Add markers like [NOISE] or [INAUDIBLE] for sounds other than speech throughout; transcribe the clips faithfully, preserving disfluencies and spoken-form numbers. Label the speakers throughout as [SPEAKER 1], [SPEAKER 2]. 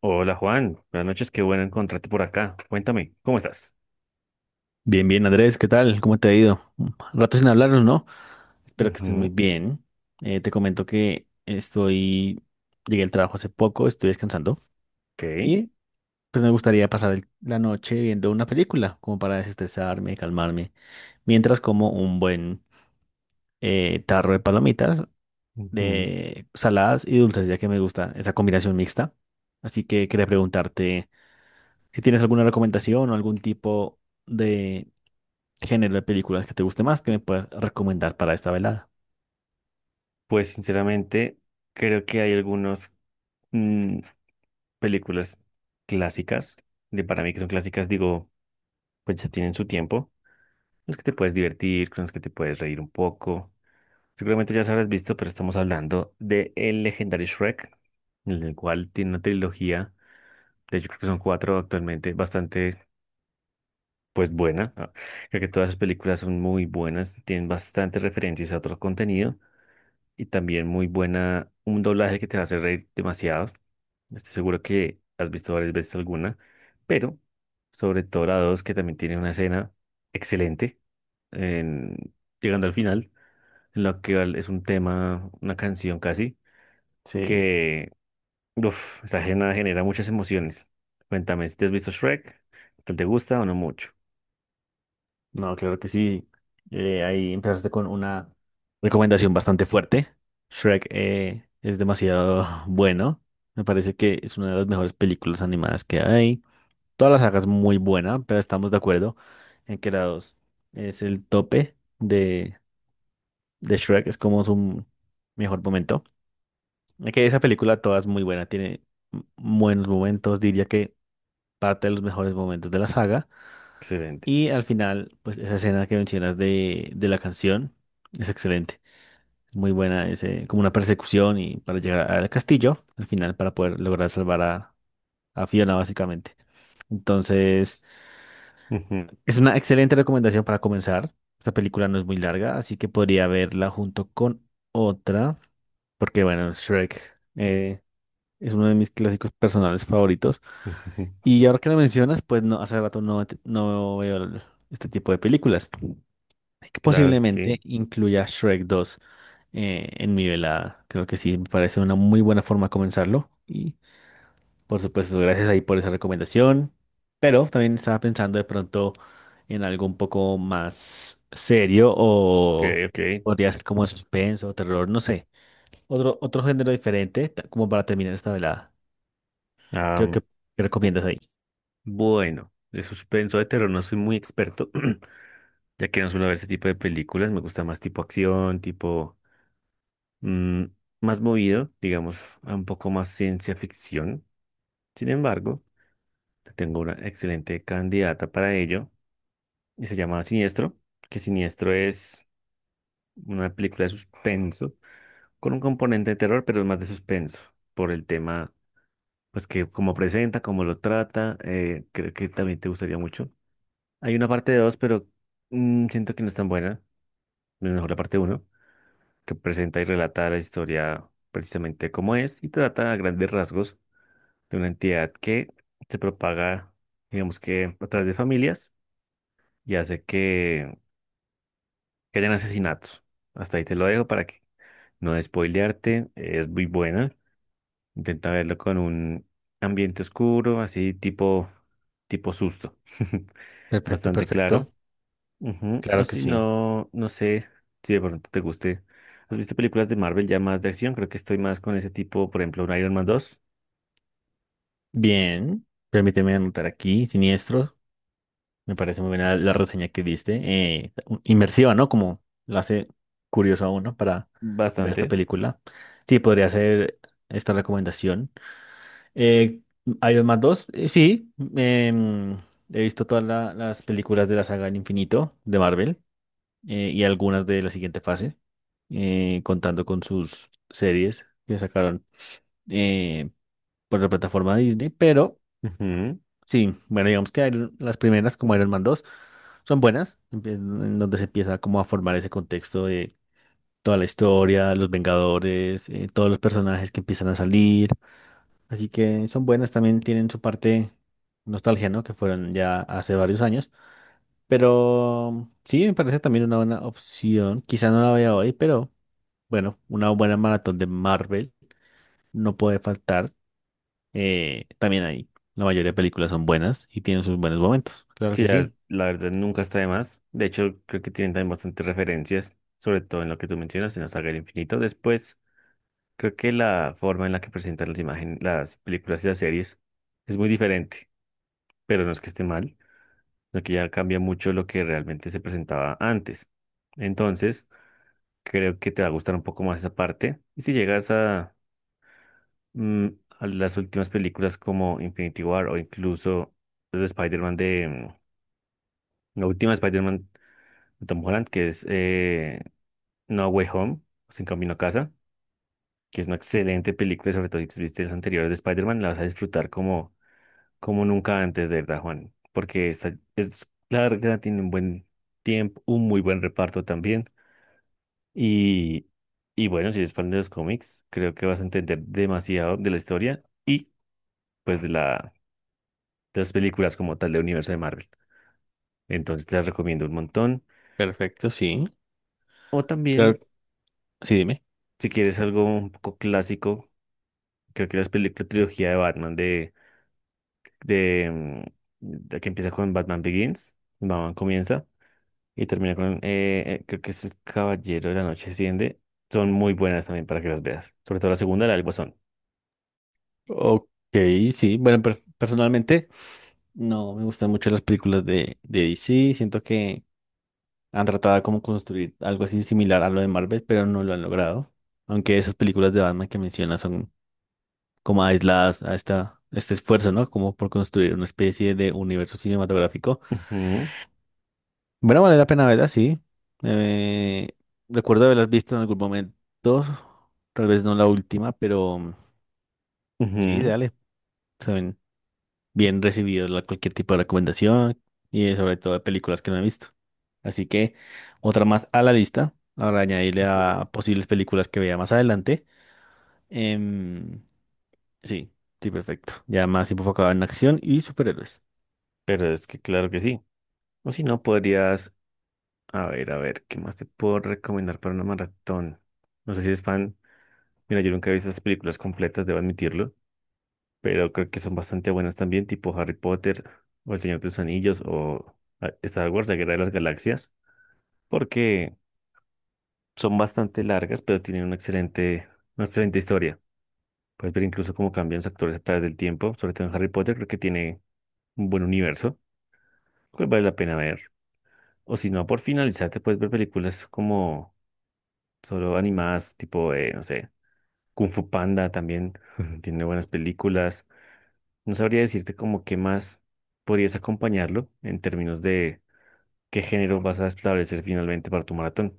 [SPEAKER 1] Hola Juan, buenas noches, qué bueno encontrarte por acá. Cuéntame, ¿cómo estás?
[SPEAKER 2] Bien, bien, Andrés, ¿qué tal? ¿Cómo te ha ido? Un rato sin hablarnos, ¿no? Espero que estés muy
[SPEAKER 1] Ujú.
[SPEAKER 2] bien. Eh, te comento que estoy, llegué al trabajo hace poco, estoy descansando
[SPEAKER 1] Ok.
[SPEAKER 2] y pues me gustaría pasar el- la noche viendo una película, como para desestresarme, calmarme, mientras como un buen eh, tarro de palomitas,
[SPEAKER 1] ujú.
[SPEAKER 2] de saladas y dulces, ya que me gusta esa combinación mixta. Así que quería preguntarte si tienes alguna recomendación o algún tipo género de películas que te guste más que me puedas recomendar para esta velada.
[SPEAKER 1] Pues sinceramente, creo que hay algunas películas clásicas, de para mí que son clásicas, digo, pues ya tienen su tiempo, con las que te puedes divertir, con las que te puedes reír un poco. Seguramente ya las habrás visto, pero estamos hablando de el legendario Shrek, el cual tiene una trilogía, de hecho creo que son cuatro actualmente, bastante pues buena. Ah, creo que todas las películas son muy buenas, tienen bastantes referencias a otro contenido y también muy buena, un doblaje que te va a hacer reír demasiado. Estoy seguro que has visto varias veces alguna, pero sobre todo la dos que también tiene una escena excelente, en- llegando al final, en la que al- es un tema, una canción casi,
[SPEAKER 2] Sí,
[SPEAKER 1] que uf, esa escena genera muchas emociones. ¿Cuéntame, si te has visto Shrek? ¿Te te gusta o no mucho?
[SPEAKER 2] no, claro que sí. Eh, ahí empezaste con una recomendación bastante fuerte. Shrek eh, es demasiado [LAUGHS] bueno. Me parece que es una de las mejores películas animadas que hay. Todas las sagas muy buena, pero estamos de acuerdo en que la dos es el tope de, de Shrek. Es como su mejor momento. Es que esa película toda es muy buena. Tiene buenos momentos. Diría que parte de los mejores momentos de la saga.
[SPEAKER 1] Excelente.
[SPEAKER 2] Y al final, pues esa escena que mencionas de, de la canción es excelente. Es muy buena, ese como una persecución y para llegar al castillo, al final, para poder lograr salvar a, a Fiona, básicamente. Entonces, es una excelente recomendación para comenzar. Esta película no es muy larga, así que podría verla junto con otra, porque bueno, Shrek eh, es uno de mis clásicos personales favoritos.
[SPEAKER 1] Ujú,
[SPEAKER 2] Y ahora que lo mencionas, pues no, hace rato no, te- no veo el- este tipo de películas. Y que
[SPEAKER 1] claro que
[SPEAKER 2] posiblemente
[SPEAKER 1] sí.
[SPEAKER 2] incluya Shrek dos eh, en mi velada. Creo que sí, me parece una muy buena forma de comenzarlo. Y por supuesto, gracias ahí por esa recomendación. Pero también estaba pensando de pronto en algo un poco más serio
[SPEAKER 1] Ok,
[SPEAKER 2] o
[SPEAKER 1] ok.
[SPEAKER 2] podría ser como de suspenso o terror, no sé. Otro, otro género diferente ta- como para terminar esta velada. Creo que
[SPEAKER 1] Am,
[SPEAKER 2] ¿qué
[SPEAKER 1] bu-
[SPEAKER 2] recomiendas ahí?
[SPEAKER 1] bueno, de suspenso de terror no soy muy experto, [CLEARS THROAT] ya que no suelo ver ese tipo de películas. Me gusta más tipo acción, tipo mm, más movido, digamos, a un poco más ciencia ficción. Sin embargo, tengo una excelente candidata para ello y se llama Siniestro, que Siniestro es una película de suspenso con un componente de terror, pero es más de suspenso por el tema. Pues que como presenta, como lo trata, eh, creo que también te gustaría mucho. Hay una parte de dos, pero mm, siento que no es tan buena, no es mejor la parte uno, que presenta y relata la historia precisamente como es y trata a grandes rasgos de una entidad que se propaga, digamos que a través de familias y hace que, que hayan asesinatos. Hasta ahí te lo dejo para que no spoilearte, es muy buena. Intenta verlo con un ambiente oscuro, así tipo, tipo susto. [LAUGHS]
[SPEAKER 2] Perfecto,
[SPEAKER 1] Bastante claro.
[SPEAKER 2] perfecto.
[SPEAKER 1] Ujú. O
[SPEAKER 2] Claro que
[SPEAKER 1] si
[SPEAKER 2] sí.
[SPEAKER 1] no, no sé si de pronto te guste. ¿Has visto películas de Marvel ya más de acción? Creo que estoy más con ese tipo, por ejemplo, un Iron Man dos.
[SPEAKER 2] Bien, permíteme anotar aquí, siniestro. Me parece muy buena la reseña que diste. Eh, inmersiva, ¿no? Como la hace curioso a uno para ver esta
[SPEAKER 1] Bastante.
[SPEAKER 2] película. Sí, podría ser esta recomendación. Eh, Iron Man dos, eh, sí. Em, he visto todas la- las películas de la saga del infinito de Marvel eh, y algunas de la siguiente fase, eh, contando con sus series que sacaron eh, por la plataforma Disney, pero...
[SPEAKER 1] Ujú.
[SPEAKER 2] Sí, bueno, digamos que Iron- las primeras, como Iron Man dos son buenas, empie- en donde se empieza como a formar ese contexto de toda la historia, los Vengadores, eh, todos los personajes que empiezan a salir. Así que son buenas, también tienen su parte nostalgia, ¿no? Que fueron ya hace varios años. Pero sí, me parece también una buena opción. Quizá no la vea hoy, pero bueno, una buena maratón de Marvel no puede faltar. Eh, también ahí, la mayoría de películas son buenas y tienen sus buenos momentos. Claro
[SPEAKER 1] Sí,
[SPEAKER 2] que
[SPEAKER 1] la,
[SPEAKER 2] sí.
[SPEAKER 1] la verdad nunca está de más. De hecho, creo que tienen también bastantes referencias, sobre todo en lo que tú mencionas, en la saga del infinito. Después, creo que la forma en la que presentan las imágenes, las películas y las series es muy diferente, pero no es que esté mal, sino que ya cambia mucho lo que realmente se presentaba antes. Entonces, creo que te va a gustar un poco más esa parte. Y si llegas a, mm, a las últimas películas como Infinity War o incluso los de Spider-Man de, mm, la última Spider-Man de Tom Holland, que es eh, No Way Home, o Sin Camino a Casa, que es una excelente película, sobre todo si te viste las anteriores de Spider-Man, la vas a disfrutar como como nunca antes, de verdad, Juan, porque esta es larga, tiene un buen tiempo, un muy buen reparto también. Y, y bueno, si eres fan de los cómics, creo que vas a entender demasiado de la historia y pues de la, de las películas como tal del universo de Marvel. Entonces te las recomiendo un montón.
[SPEAKER 2] Perfecto, sí.
[SPEAKER 1] O
[SPEAKER 2] Claro,
[SPEAKER 1] también,
[SPEAKER 2] sí, dime.
[SPEAKER 1] si quieres algo un poco clásico, creo que las peli- la trilogía de Batman de, de, mm, de que empieza con Batman Begins, Batman comienza, y termina con, eh, eh, creo que es El Caballero de la Noche Asciende. Son muy buenas también para que las veas. Sobre todo la segunda, la del Guasón.
[SPEAKER 2] Ok, sí. Bueno, per- personalmente no me gustan mucho las películas de, de D C. Siento que han tratado de como construir algo así similar a lo de Marvel, pero no lo han logrado. Aunque esas películas de Batman que mencionas son como aisladas a esta, este esfuerzo, ¿no? Como por construir una especie de universo cinematográfico.
[SPEAKER 1] Ujú,
[SPEAKER 2] Bueno, vale la pena verlas, sí. Eh, Recuerdo haberlas visto en algún momento. Tal vez no la última, pero sí,
[SPEAKER 1] ujú,
[SPEAKER 2] dale. Saben. Bien recibido la- cualquier tipo de recomendación y eh, sobre todo de películas que no he visto. Así que otra más a la lista, ahora añadirle
[SPEAKER 1] ujú.
[SPEAKER 2] a posibles películas que vea más adelante. Em, sí, sí, perfecto. Ya más enfocado en acción y superhéroes.
[SPEAKER 1] Pero es que claro que sí. O si no, podrías, a ver, a ver, ¿qué más te puedo recomendar para una maratón? No sé si eres fan. Mira, yo nunca he visto esas películas completas, debo admitirlo, pero creo que son bastante buenas también, tipo Harry Potter o El Señor de los Anillos o ah, Star Wars, La Guerra de las Galaxias, porque son bastante largas, pero tienen una excelente, una excelente historia. Puedes ver incluso cómo cambian los actores a través del tiempo, sobre todo en Harry Potter, creo que tiene un buen universo, que vale la pena ver. O si no, por finalizar, te puedes ver películas como solo animadas, tipo, eh, no sé, Kung Fu Panda también [LAUGHS] tiene buenas películas. No sabría decirte como qué más podrías acompañarlo en términos de qué género vas a establecer finalmente para tu maratón.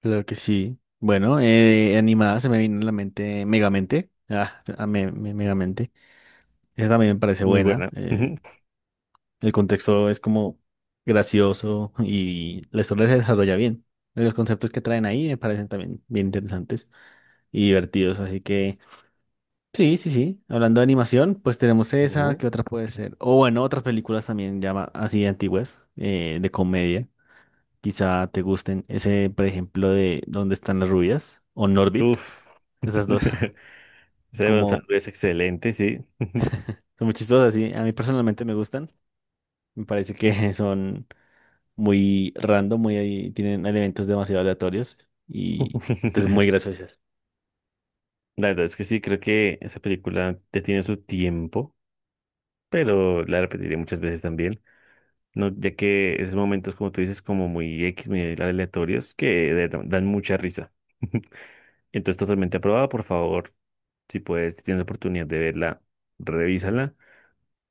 [SPEAKER 2] Claro que sí. Bueno, eh, animada se me vino a la mente Megamente. Ah, a me- me- Megamente. Esa también me parece
[SPEAKER 1] Muy
[SPEAKER 2] buena.
[SPEAKER 1] buena.
[SPEAKER 2] eh,
[SPEAKER 1] [LAUGHS]
[SPEAKER 2] El contexto es como gracioso y la historia se desarrolla bien. Los conceptos que traen ahí me parecen también bien interesantes y divertidos. Así que sí, sí, sí. Hablando de animación, pues tenemos esa,
[SPEAKER 1] Ujú.
[SPEAKER 2] ¿qué otra puede ser? O bueno, otras películas también ya ma- así antiguas, eh, de comedia. Quizá te gusten. Ese, por ejemplo, de ¿dónde están las rubias? O Norbit.
[SPEAKER 1] Uf.
[SPEAKER 2] Esas dos,
[SPEAKER 1] [LAUGHS]
[SPEAKER 2] [LAUGHS]
[SPEAKER 1] Ese de Gonzalo
[SPEAKER 2] como
[SPEAKER 1] es excelente, sí.
[SPEAKER 2] son muy chistosas, sí. A mí personalmente me gustan. Me parece que [LAUGHS] son muy random, muy tienen elementos demasiado aleatorios y es muy
[SPEAKER 1] [LAUGHS]
[SPEAKER 2] graciosas.
[SPEAKER 1] La verdad es que sí, creo que esa película ya tiene su tiempo, pero la repetiré muchas veces también, ¿no? Ya que esos momentos, como tú dices, como muy X, muy aleatorios, que de- dan mucha risa. [LAUGHS] Entonces, totalmente aprobada, por favor, si puedes, si tienes la oportunidad de verla, revísala.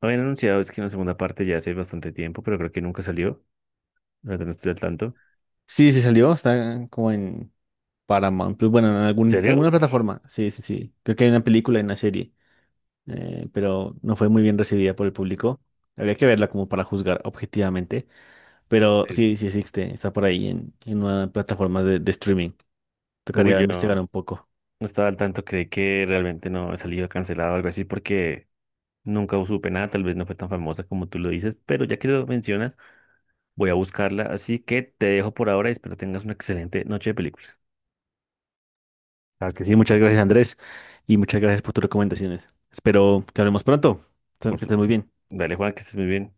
[SPEAKER 1] No habían anunciado, es que una segunda parte ya hace bastante tiempo, pero creo que nunca salió. La verdad no estoy al tanto.
[SPEAKER 2] Sí, sí salió, está como en Paramount Plus, bueno, en
[SPEAKER 1] ¿En
[SPEAKER 2] algún-
[SPEAKER 1] serio?
[SPEAKER 2] alguna plataforma. Sí, sí, sí. Creo que hay una película y una serie, eh, pero no fue muy bien recibida por el público. Habría que verla como para juzgar objetivamente, pero
[SPEAKER 1] Sí.
[SPEAKER 2] sí, sí existe, está por ahí en, en una plataforma de, de streaming.
[SPEAKER 1] Uy,
[SPEAKER 2] Tocaría
[SPEAKER 1] yo.
[SPEAKER 2] investigar un
[SPEAKER 1] No
[SPEAKER 2] poco.
[SPEAKER 1] estaba al tanto, creí que realmente no había salido cancelado o algo así porque nunca supe nada, tal vez no fue tan famosa como tú lo dices, pero ya que lo mencionas, voy a buscarla, así que te dejo por ahora y espero tengas una excelente noche de películas.
[SPEAKER 2] Claro que sí, muchas gracias Andrés y muchas gracias por tus recomendaciones. Espero que hablemos pronto. Que
[SPEAKER 1] Por su-
[SPEAKER 2] estés muy bien.
[SPEAKER 1] Dale, Juan, que estés muy bien.